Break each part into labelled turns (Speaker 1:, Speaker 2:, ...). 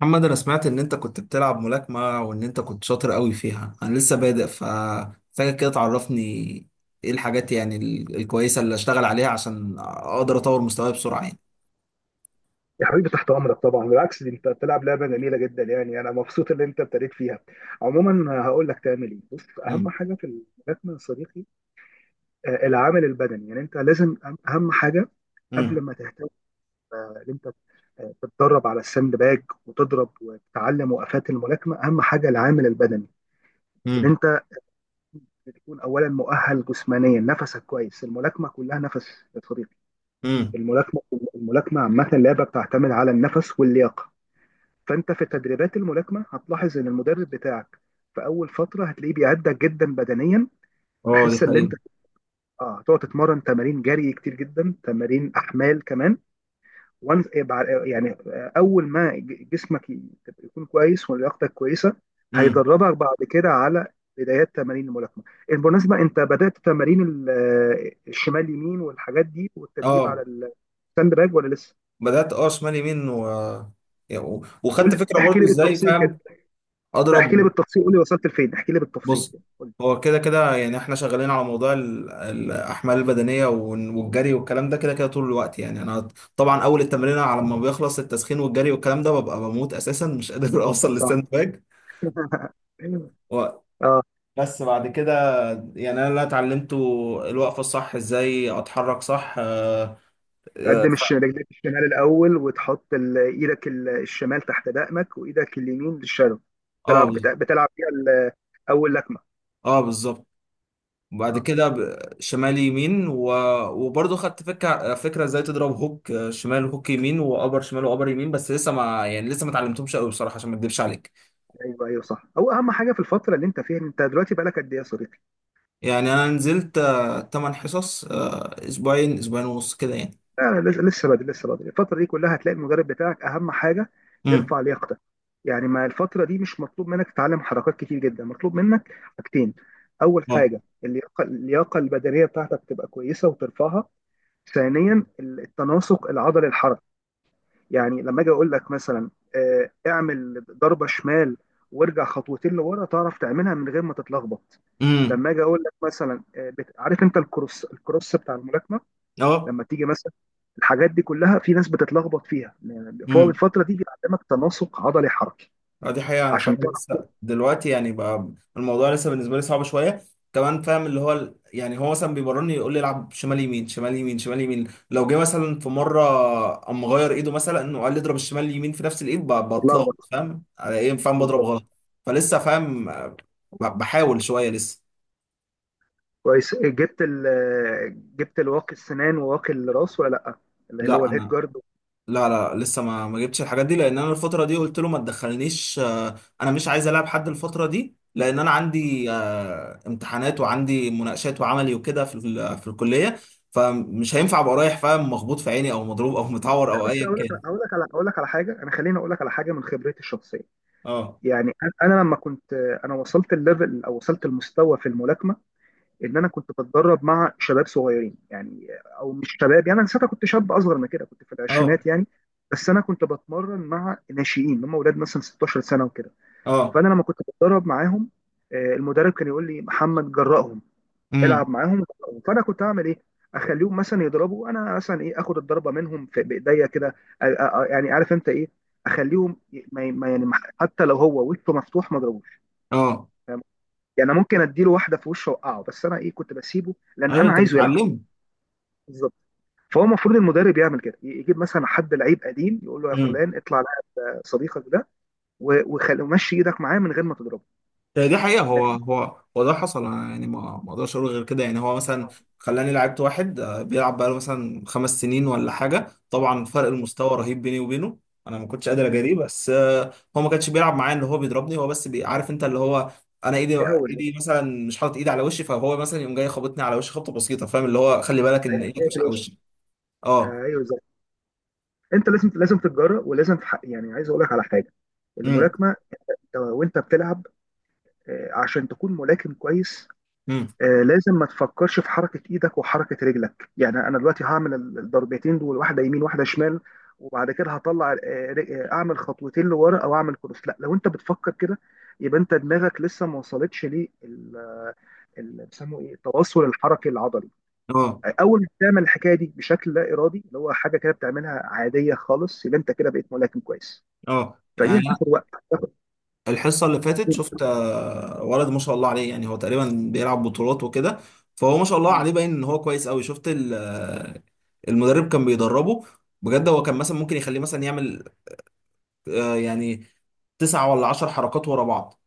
Speaker 1: محمد، انا سمعت ان انت كنت بتلعب ملاكمة وان انت كنت شاطر قوي فيها. انا لسه بادئ فمحتاجك كده تعرفني ايه الحاجات، يعني الكويسة اللي اشتغل عليها عشان اقدر اطور مستواي بسرعة يعني.
Speaker 2: يا حبيبي تحت امرك طبعا، بالعكس دي انت بتلعب لعبه جميله جدا، يعني انا مبسوط ان انت ابتديت فيها. عموما هقول لك تعمل ايه. بص اهم
Speaker 1: امم.
Speaker 2: حاجه في الملاكمه يا صديقي، العامل البدني. يعني انت لازم، أهم حاجه قبل
Speaker 1: امم.
Speaker 2: ما تهتم ان انت تتدرب على الساند باج وتضرب وتتعلم وقفات الملاكمه، اهم حاجه العامل البدني. ان
Speaker 1: امم.
Speaker 2: انت تكون اولا مؤهل جسمانيا، نفسك كويس. الملاكمه كلها نفس يا صديقي.
Speaker 1: امم.
Speaker 2: الملاكمه الملاكمه عامه لعبه بتعتمد على النفس واللياقه. فانت في تدريبات الملاكمه هتلاحظ ان المدرب بتاعك في اول فتره هتلاقيه بيعدك جدا بدنيا،
Speaker 1: اه، دي
Speaker 2: بحيث ان انت
Speaker 1: حقيقة.
Speaker 2: اه تقعد تتمرن تمارين جري كتير جدا، تمارين احمال كمان. وان يعني اول ما جسمك تبقى يكون كويس ولياقتك كويسه،
Speaker 1: امم.
Speaker 2: هيدربك بعد كده على بدايات تمارين الملاكمه. بالمناسبه انت بدات تمارين الشمال يمين والحاجات دي والتدريب
Speaker 1: اه،
Speaker 2: على الساند باج، ولا لسه؟
Speaker 1: بدأت، شمال يمين و... وخدت
Speaker 2: قول،
Speaker 1: فكرة
Speaker 2: احكي
Speaker 1: برضو،
Speaker 2: لي
Speaker 1: ازاي
Speaker 2: بالتفصيل كده.
Speaker 1: فاهم.
Speaker 2: لا احكي لي
Speaker 1: اضرب.
Speaker 2: بالتفصيل، قول لي وصلت لفين، احكي لي بالتفصيل
Speaker 1: بص،
Speaker 2: كده.
Speaker 1: هو كده كده يعني احنا شغالين على موضوع الاحمال البدنيه والجري والكلام ده كده كده طول الوقت، يعني انا طبعا اول التمرين على ما بيخلص التسخين والجري والكلام ده ببقى بموت اساسا مش قادر اوصل
Speaker 2: صح.
Speaker 1: للساند باك. و-
Speaker 2: اه.
Speaker 1: بس بعد كده، يعني انا اللي اتعلمته الوقفه الصح، ازاي اتحرك صح. اه.
Speaker 2: تقدم رجليك الشمال الاول، وتحط ايدك الشمال تحت دقنك، وايدك اليمين للشادو.
Speaker 1: اه،
Speaker 2: بتلعب بتلعب فيها اول لكمه.
Speaker 1: اه، بالظبط. وبعد
Speaker 2: اه.
Speaker 1: كده شمال يمين و... وبرضه خدت فكره ازاي تضرب هوك، شمال، هوك يمين، وابر شمال، وابر يمين. بس لسه ما يعني لسه ما اتعلمتهمش قوي بصراحه عشان ما اكدبش عليك.
Speaker 2: ايوه ايوه صح. هو اهم حاجه في الفتره اللي انت فيها، انت دلوقتي بقالك قد ايه يا صديقي؟
Speaker 1: يعني انا نزلت 8 حصص، اسبوعين، اسبوعين ونص كده يعني.
Speaker 2: لا لسه، لسه بدري الفتره دي كلها. هتلاقي المدرب بتاعك اهم حاجه
Speaker 1: امم.
Speaker 2: يرفع لياقتك. يعني ما الفتره دي مش مطلوب منك تتعلم حركات كتير جدا، مطلوب منك حاجتين. اول
Speaker 1: اه.
Speaker 2: حاجه اللياقه، اللياقه البدنيه بتاعتك تبقى كويسه وترفعها. ثانيا التناسق العضلي الحركي. يعني لما اجي اقول لك مثلا اعمل ضربه شمال وارجع خطوتين لورا، تعرف تعملها من غير ما تتلخبط.
Speaker 1: امم.
Speaker 2: لما اجي اقول لك مثلا عارف انت الكروس، الكروس بتاع الملاكمه،
Speaker 1: اه،
Speaker 2: لما تيجي مثلا، الحاجات دي كلها في ناس بتتلخبط فيها يعني. فهو الفتره دي بيعلمك تناسق عضلي حركي
Speaker 1: اه، دي حقيقة. أنا فعلا
Speaker 2: عشان تعرف
Speaker 1: لسه دلوقتي يعني بقى الموضوع لسه بالنسبة لي صعب شوية. كمان فاهم اللي هو يعني هو مثلا بيمرني يقول لي العب شمال يمين، شمال يمين، شمال يمين. لو جه مثلا في مرة قام مغير إيده مثلا وقال لي اضرب الشمال اليمين في نفس الإيد، بتلخبط،
Speaker 2: تتلخبط.
Speaker 1: فاهم على إيه. فاهم بضرب
Speaker 2: بالظبط.
Speaker 1: غلط. فلسه فاهم، بحاول شوية لسه.
Speaker 2: كويس، جبت الواقي السنان وواقي الراس ولا لا؟ اللي هو
Speaker 1: لا
Speaker 2: الهيد
Speaker 1: أنا.
Speaker 2: جارد.
Speaker 1: لا، لا، لسه ما جبتش الحاجات دي لان انا الفتره دي قلت له ما تدخلنيش. انا مش عايز العب حد الفتره دي، لان انا عندي امتحانات وعندي مناقشات وعملي وكده في في الكليه، فمش هينفع ابقى رايح فاهم مخبوط في عيني او مضروب او متعور
Speaker 2: لا
Speaker 1: او
Speaker 2: بس
Speaker 1: ايا
Speaker 2: اقول لك
Speaker 1: كان.
Speaker 2: اقول لك على اقول لك على حاجه، انا خليني اقول لك على حاجه من خبرتي الشخصيه.
Speaker 1: اه.
Speaker 2: يعني انا لما كنت، انا وصلت الليفل، او وصلت المستوى في الملاكمه، ان انا كنت بتدرب مع شباب صغيرين يعني. او مش شباب، يعني انا ساعتها كنت شاب اصغر من كده، كنت في
Speaker 1: اه.
Speaker 2: العشرينات يعني. بس انا كنت بتمرن مع ناشئين، هم اولاد مثلا 16 سنه وكده.
Speaker 1: اه.
Speaker 2: فانا لما كنت بتدرب معاهم المدرب كان يقول لي: محمد، جرأهم،
Speaker 1: امم.
Speaker 2: العب معاهم. فانا كنت هعمل ايه، اخليهم مثلا يضربوا، انا مثلا ايه اخد الضربه منهم في بايديا كده. يعني عارف انت ايه، اخليهم يعني حتى لو هو وشه مفتوح ما اضربوش.
Speaker 1: اه،
Speaker 2: يعني أنا ممكن اديله واحده في وشه اوقعه، بس انا ايه كنت بسيبه لان
Speaker 1: ايوه
Speaker 2: انا
Speaker 1: انت
Speaker 2: عايزه يلعب.
Speaker 1: بتعلمه.
Speaker 2: بالظبط. فهو المفروض المدرب يعمل كده، يجيب مثلا حد لعيب قديم يقول له: يا فلان اطلع على صديقك ده و ومشي ايدك معاه من غير ما تضربه.
Speaker 1: آه، دي حقيقة،
Speaker 2: لكن.
Speaker 1: هو ده حصل. أنا يعني ما اقدرش اقول غير كده. يعني هو مثلا خلاني لعبت واحد، بيلعب بقاله مثلا خمس سنين ولا حاجة، طبعا فرق المستوى رهيب بيني وبينه. انا ما كنتش قادر
Speaker 2: مم.
Speaker 1: اجاريه، بس هو ما كانش بيلعب معايا، اللي هو بيضربني هو بس، عارف انت اللي هو انا
Speaker 2: يهوش بس.
Speaker 1: ايدي مثلا مش حاطط ايدي على وشي، فهو مثلا يقوم جاي خبطني على وشي خبطة بسيطة، فاهم؟ اللي هو خلي بالك ان
Speaker 2: ايوه
Speaker 1: ايدك
Speaker 2: ايوه، في
Speaker 1: مش على
Speaker 2: الوش.
Speaker 1: وشي. اه.
Speaker 2: ايوه، انت لازم لازم تتجرأ ولازم تحقق. يعني عايز اقول لك على حاجه،
Speaker 1: امم.
Speaker 2: الملاكمه وانت بتلعب، عشان تكون ملاكم كويس
Speaker 1: امم.
Speaker 2: لازم ما تفكرش في حركه ايدك وحركه رجلك. يعني انا دلوقتي هعمل الضربتين دول، واحده يمين واحده شمال، وبعد كده هطلع اعمل خطوتين لورا او اعمل كروس. لا لو انت بتفكر كده يبقى انت دماغك لسه ما وصلتش ليه بيسموه ايه، التواصل الحركي العضلي.
Speaker 1: اه.
Speaker 2: اول ما تعمل الحكايه دي بشكل لا ارادي، اللي هو حاجه كده بتعملها عاديه خالص، يبقى انت كده بقيت ملاكم كويس.
Speaker 1: اه،
Speaker 2: فدي
Speaker 1: يعني
Speaker 2: هتاخد وقت.
Speaker 1: الحصة اللي فاتت شفت ولد ما شاء الله عليه، يعني هو تقريبا بيلعب بطولات وكده، فهو ما شاء الله عليه باين ان هو كويس قوي. شفت المدرب كان بيدربه بجد. هو كان مثلا ممكن يخليه مثلا يعمل، يعني تسعة ولا عشر حركات ورا بعض.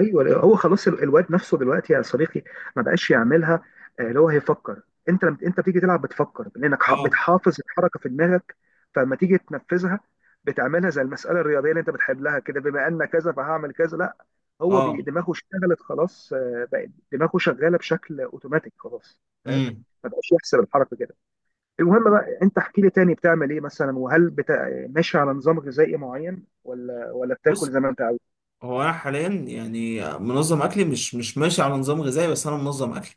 Speaker 2: ايوه، هو خلاص الواد نفسه دلوقتي يا صديقي ما بقاش يعملها. اللي هو هيفكر، انت لما انت بتيجي تلعب بتفكر لانك
Speaker 1: اه.
Speaker 2: بتحافظ الحركه في دماغك. فلما تيجي تنفذها بتعملها زي المساله الرياضيه اللي انت بتحلها كده، بما ان كذا فهعمل كذا. لا، هو
Speaker 1: اه.
Speaker 2: دماغه اشتغلت خلاص، بقت دماغه شغاله بشكل اوتوماتيك خلاص. فاهم.
Speaker 1: امم.
Speaker 2: ما بقاش يحسب الحركه كده. المهم بقى، انت احكي لي تاني بتعمل ايه مثلا، وهل ماشي على نظام غذائي معين ولا بتاكل
Speaker 1: بص،
Speaker 2: زي ما انت عاوز؟
Speaker 1: هو انا حاليا يعني منظم اكلي، مش ماشي على نظام غذائي، بس انا منظم اكلي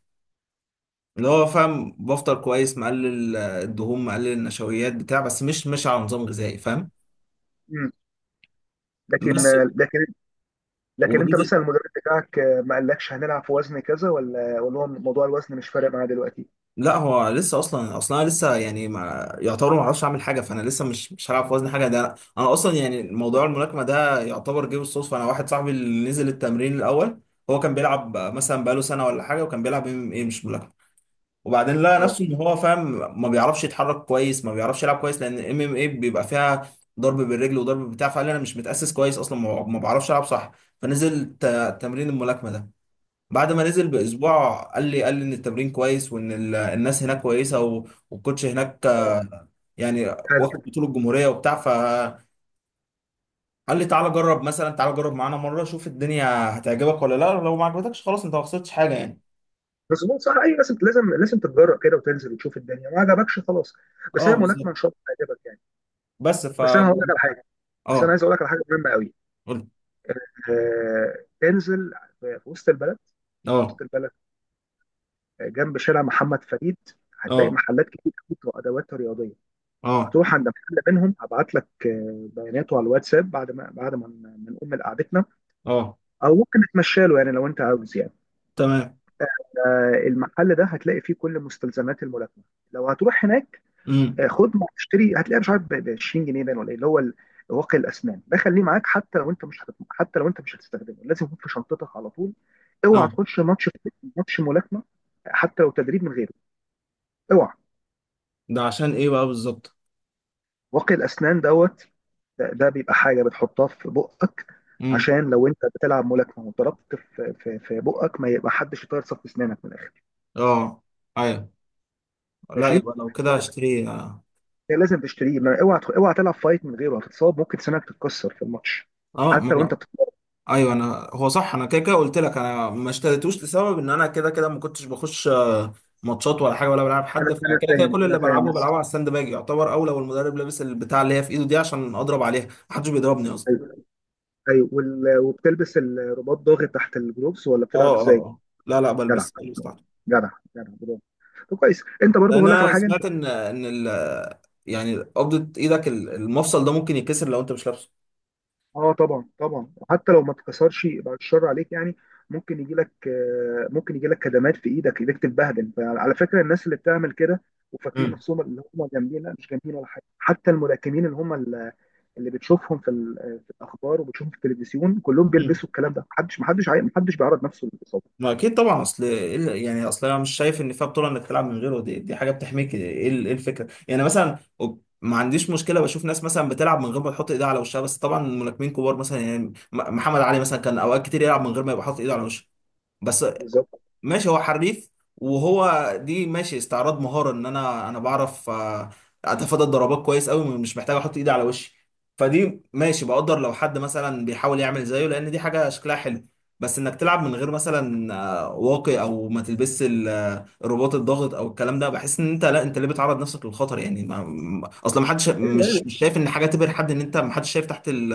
Speaker 1: اللي هو فاهم، بفطر كويس، مقلل الدهون، مقلل النشويات بتاع، بس مش ماشي على نظام غذائي فاهم.
Speaker 2: لكن
Speaker 1: بس.
Speaker 2: لكن لكن انت
Speaker 1: وبنزل.
Speaker 2: مثلا المدرب بتاعك ما قالكش هنلعب في وزن كذا، ولا هو موضوع الوزن مش فارق معاه دلوقتي؟
Speaker 1: لا، هو لسه اصلا، اصلا أنا لسه يعني ما يعتبر، ما اعرفش اعمل حاجه، فانا لسه مش هلعب في وزن حاجه. ده أنا اصلا يعني موضوع الملاكمه ده يعتبر جه بالصدفه. انا واحد صاحبي اللي نزل التمرين الاول هو كان بيلعب مثلا بقاله سنه ولا حاجه، وكان بيلعب ايه مش ملاكمه، وبعدين لقى
Speaker 2: اه
Speaker 1: نفسه ان هو فاهم ما بيعرفش يتحرك كويس، ما بيعرفش يلعب كويس، لان ام ام ايه بيبقى فيها ضرب بالرجل وضرب بتاع. فقال لي انا مش متاسس كويس اصلا، ما بعرفش العب صح، فنزل تمرين الملاكمه ده. بعد ما نزل باسبوع قال لي ان التمرين كويس وان الناس هناك كويسه والكوتش هناك.
Speaker 2: اه.
Speaker 1: يعني
Speaker 2: حلو.
Speaker 1: واخد بطوله الجمهوريه وبتاع. فقال لي تعالى جرب مثلا، تعالى جرب معانا مره، شوف الدنيا هتعجبك ولا لا. لو ما عجبتكش خلاص انت ما خسرتش حاجه يعني.
Speaker 2: بس هو صح، اي لازم لازم لازم تتجرأ كده، وتنزل وتشوف الدنيا. ما عجبكش خلاص، بس
Speaker 1: اه،
Speaker 2: هي
Speaker 1: بالظبط.
Speaker 2: ملاكمه ان شاء الله تعجبك يعني.
Speaker 1: بس
Speaker 2: بس انا هقول لك على حاجه، بس انا
Speaker 1: اه،
Speaker 2: عايز اقول لك على حاجه مهمه قوي.
Speaker 1: قول.
Speaker 2: آه انزل في وسط البلد، في
Speaker 1: اه.
Speaker 2: وسط البلد جنب شارع محمد فريد، هتلاقي
Speaker 1: اه.
Speaker 2: محلات كتير قوي بتوع ادوات رياضيه.
Speaker 1: اه.
Speaker 2: هتروح عند محل منهم، هبعت لك بياناته على الواتساب بعد ما ما نقوم من قعدتنا،
Speaker 1: اه،
Speaker 2: او ممكن نتمشى له يعني لو انت عاوز يعني.
Speaker 1: تمام.
Speaker 2: المحل ده هتلاقي فيه كل مستلزمات الملاكمه. لو هتروح هناك
Speaker 1: امم.
Speaker 2: خد ما تشتري، هتلاقيها مش عارف ب 20 جنيه باين، ولا ايه اللي هو واقي الاسنان ده خليه معاك. حتى لو انت مش هتت... حتى لو انت مش هتستخدمه، لازم يكون في شنطتك على طول. اوعى
Speaker 1: اه،
Speaker 2: تخش ماتش، ماتش ملاكمه، حتى لو تدريب من غيره. اوعى.
Speaker 1: ده عشان ايه بقى بالظبط.
Speaker 2: واقي الاسنان دوت ده بيبقى حاجه بتحطها في بقك،
Speaker 1: امم.
Speaker 2: عشان لو انت بتلعب ملاكمه وضربت في بقك، ما يبقى حدش يطير صف اسنانك من الاخر.
Speaker 1: اه، ايوه. لا،
Speaker 2: ماشي.
Speaker 1: يبقى لو كده هشتري. اه.
Speaker 2: ده لازم تشتريه. ما اوعى اوعى تلعب فايت من غيره، هتتصاب، ممكن سنانك تتكسر في الماتش،
Speaker 1: ما
Speaker 2: حتى لو انت
Speaker 1: أنا-
Speaker 2: بتتمرن.
Speaker 1: ايوه، انا هو صح. انا كده كده قلت لك انا ما اشتريتوش، لسبب ان انا كده كده ما كنتش بخش ماتشات ولا حاجه، ولا بلعب حد،
Speaker 2: انا
Speaker 1: فكده
Speaker 2: انا
Speaker 1: كده
Speaker 2: فاهم
Speaker 1: كل
Speaker 2: انا
Speaker 1: اللي
Speaker 2: فاهم. بس
Speaker 1: بلعبه على الساند باج يعتبر، او لو المدرب لابس البتاع اللي هي في ايده دي عشان اضرب عليها، محدش بيضربني اصلا.
Speaker 2: ايوه ايوه وال- وبتلبس الرباط ضاغط تحت الجلوبس، ولا بتلعب
Speaker 1: اه. اه.
Speaker 2: ازاي؟
Speaker 1: آه. لا، لا،
Speaker 2: جدع،
Speaker 1: بلبس تحت.
Speaker 2: جدع، جدع، برافو. طب كويس. انت برضو
Speaker 1: لان
Speaker 2: هقول لك على
Speaker 1: انا
Speaker 2: حاجه.
Speaker 1: سمعت ان يعني قبضه ايدك المفصل ده ممكن يتكسر لو انت مش لابسه.
Speaker 2: اه طبعا طبعا، وحتى لو ما اتكسرش يبقى الشر عليك يعني. ممكن يجي لك ممكن يجي لك كدمات في ايدك، ايدك تتبهدل. فعلى فكره الناس اللي بتعمل كده وفاكرين نفسهم اللي هم جامدين، لا مش جامدين ولا حاجه. حتى الملاكمين اللي هم اللي بتشوفهم في الاخبار وبتشوفهم في التلفزيون كلهم
Speaker 1: امم.
Speaker 2: بيلبسوا الكلام ده. محدش بيعرض نفسه للاصابه.
Speaker 1: ما اكيد طبعا. اصل إيه يعني اصل انا مش شايف ان فيها بطوله انك تلعب من غيره، دي حاجه بتحميك. ايه إيه الفكره يعني مثلا، ما عنديش مشكله، بشوف ناس مثلا بتلعب من غير ما تحط ايدها على وشها، بس طبعا الملاكمين كبار مثلا يعني محمد علي مثلا كان اوقات كتير يلعب من غير ما يبقى حاطط ايده على وشه. بس،
Speaker 2: بالظبط.
Speaker 1: ماشي هو حريف، وهو دي ماشي استعراض مهارة ان انا بعرف اتفادى الضربات كويس قوي، مش محتاج احط ايدي على وشي، فدي ماشي بقدر لو حد مثلا بيحاول يعمل زيه، لان دي حاجة شكلها حلو. بس انك تلعب من غير مثلا واقي، او ما تلبسش الرباط الضاغط او الكلام ده، بحس ان انت، لا انت ليه بتعرض نفسك للخطر يعني. اصلا ما حدش
Speaker 2: ايوه يعني
Speaker 1: مش شايف ان حاجة تبهر حد، ان انت ما حدش شايف تحت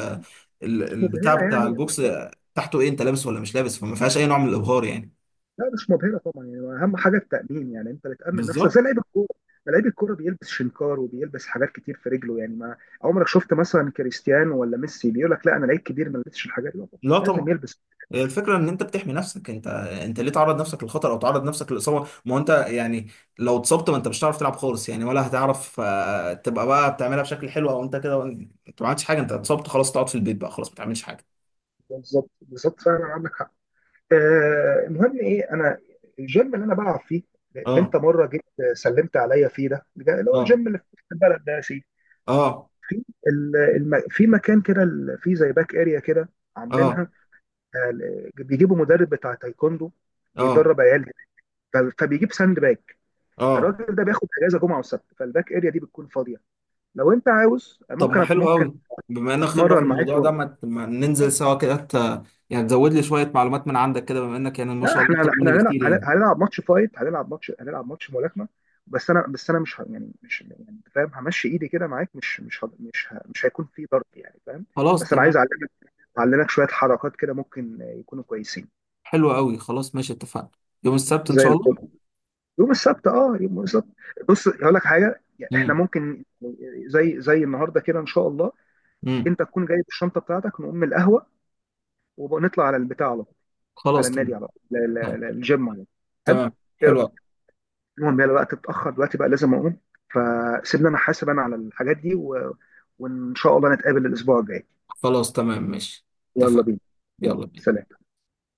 Speaker 2: مش
Speaker 1: البتاع
Speaker 2: مبهره
Speaker 1: بتاع
Speaker 2: يعني.
Speaker 1: البوكس، تحته ايه انت لابس ولا مش لابس. فما فيهاش اي نوع من الابهار يعني.
Speaker 2: لا مش مبهرة طبعا يعني. أهم حاجة التأمين، يعني أنت اللي تأمن نفسك زي
Speaker 1: بالظبط.
Speaker 2: لعيب الكورة. ما لعيب الكورة بيلبس شنكار وبيلبس حاجات كتير في رجله يعني. ما عمرك شفت مثلا كريستيانو ولا ميسي بيقول لك: لا أنا لعيب كبير ما لبسش الحاجات دي؟ لا طبعاً،
Speaker 1: لا
Speaker 2: لازم
Speaker 1: طبعا.
Speaker 2: يلبس.
Speaker 1: هي الفكره ان انت بتحمي نفسك. انت ليه تعرض نفسك للخطر او تعرض نفسك للاصابه؟ ما هو انت يعني لو اتصبت، ما انت مش هتعرف تلعب خالص يعني، ولا هتعرف تبقى بقى بتعملها بشكل حلو. او انت كده انت ما عملتش حاجه، انت اتصبت خلاص، تقعد في البيت بقى خلاص، ما تعملش حاجه.
Speaker 2: بالظبط بالظبط، فعلا عندك حق. المهم إيه، أنا الجيم اللي أنا بلعب فيه، اللي
Speaker 1: اه.
Speaker 2: أنت مرة جيت سلمت عليا فيه ده، اللي هو
Speaker 1: اه.
Speaker 2: الجيم اللي في البلد ده يا سيدي،
Speaker 1: اه.
Speaker 2: في مكان كده، في زي باك اريا كده
Speaker 1: اه.
Speaker 2: عاملينها، آه، بيجيبوا مدرب بتاع تايكوندو
Speaker 1: اه.
Speaker 2: بيدرب عيال، فبيجيب ساند باك.
Speaker 1: اه.
Speaker 2: الراجل ده بياخد اجازه جمعه وسبت، فالباك اريا دي بتكون فاضيه. لو انت عاوز
Speaker 1: طب، ما
Speaker 2: ممكن
Speaker 1: حلو
Speaker 2: ممكن
Speaker 1: قوي. بما انك خبره
Speaker 2: اتمرن
Speaker 1: في
Speaker 2: معاك
Speaker 1: الموضوع ده،
Speaker 2: و...
Speaker 1: ما ما ننزل
Speaker 2: آه.
Speaker 1: سوا كده، يعني تزود لي شويه معلومات من عندك كده، بما انك يعني ما
Speaker 2: لا
Speaker 1: شاء الله اكتر
Speaker 2: احنا، احنا
Speaker 1: مني
Speaker 2: هنلعب،
Speaker 1: بكتير يعني.
Speaker 2: هنلعب ماتش فايت هنلعب ماتش هنلعب ماتش ملاكمه. بس انا مش ه- يعني مش يعني أنت فاهم، همشي ايدي كده معاك، مش هيكون في ضرب يعني، فاهم؟
Speaker 1: خلاص،
Speaker 2: بس انا عايز
Speaker 1: تمام.
Speaker 2: اعلمك شويه حركات كده، ممكن يكونوا كويسين.
Speaker 1: حلو قوي. خلاص، ماشي، اتفقنا. يوم السبت ان
Speaker 2: زي
Speaker 1: شاء الله.
Speaker 2: الفل. يوم السبت، اه يوم السبت. بص هقول لك حاجه، يعني احنا
Speaker 1: امم.
Speaker 2: ممكن زي النهارده كده ان شاء الله،
Speaker 1: امم.
Speaker 2: انت تكون جايب الشنطه بتاعتك، نقوم القهوه ونطلع على البتاع على طول، على
Speaker 1: خلاص،
Speaker 2: النادي
Speaker 1: تمام.
Speaker 2: على طول،
Speaker 1: طيب،
Speaker 2: الجيم على طول. حلو.
Speaker 1: تمام.
Speaker 2: ايه
Speaker 1: حلوة.
Speaker 2: رايك؟ المهم يلا، الوقت اتاخر دلوقتي بقى لازم اقوم. فسيبني انا حاسب، انا على الحاجات دي، و... وان شاء الله نتقابل الاسبوع الجاي.
Speaker 1: خلاص، تمام، ماشي،
Speaker 2: يلا
Speaker 1: اتفقنا.
Speaker 2: بينا. يلا
Speaker 1: يلا بينا.
Speaker 2: سلام.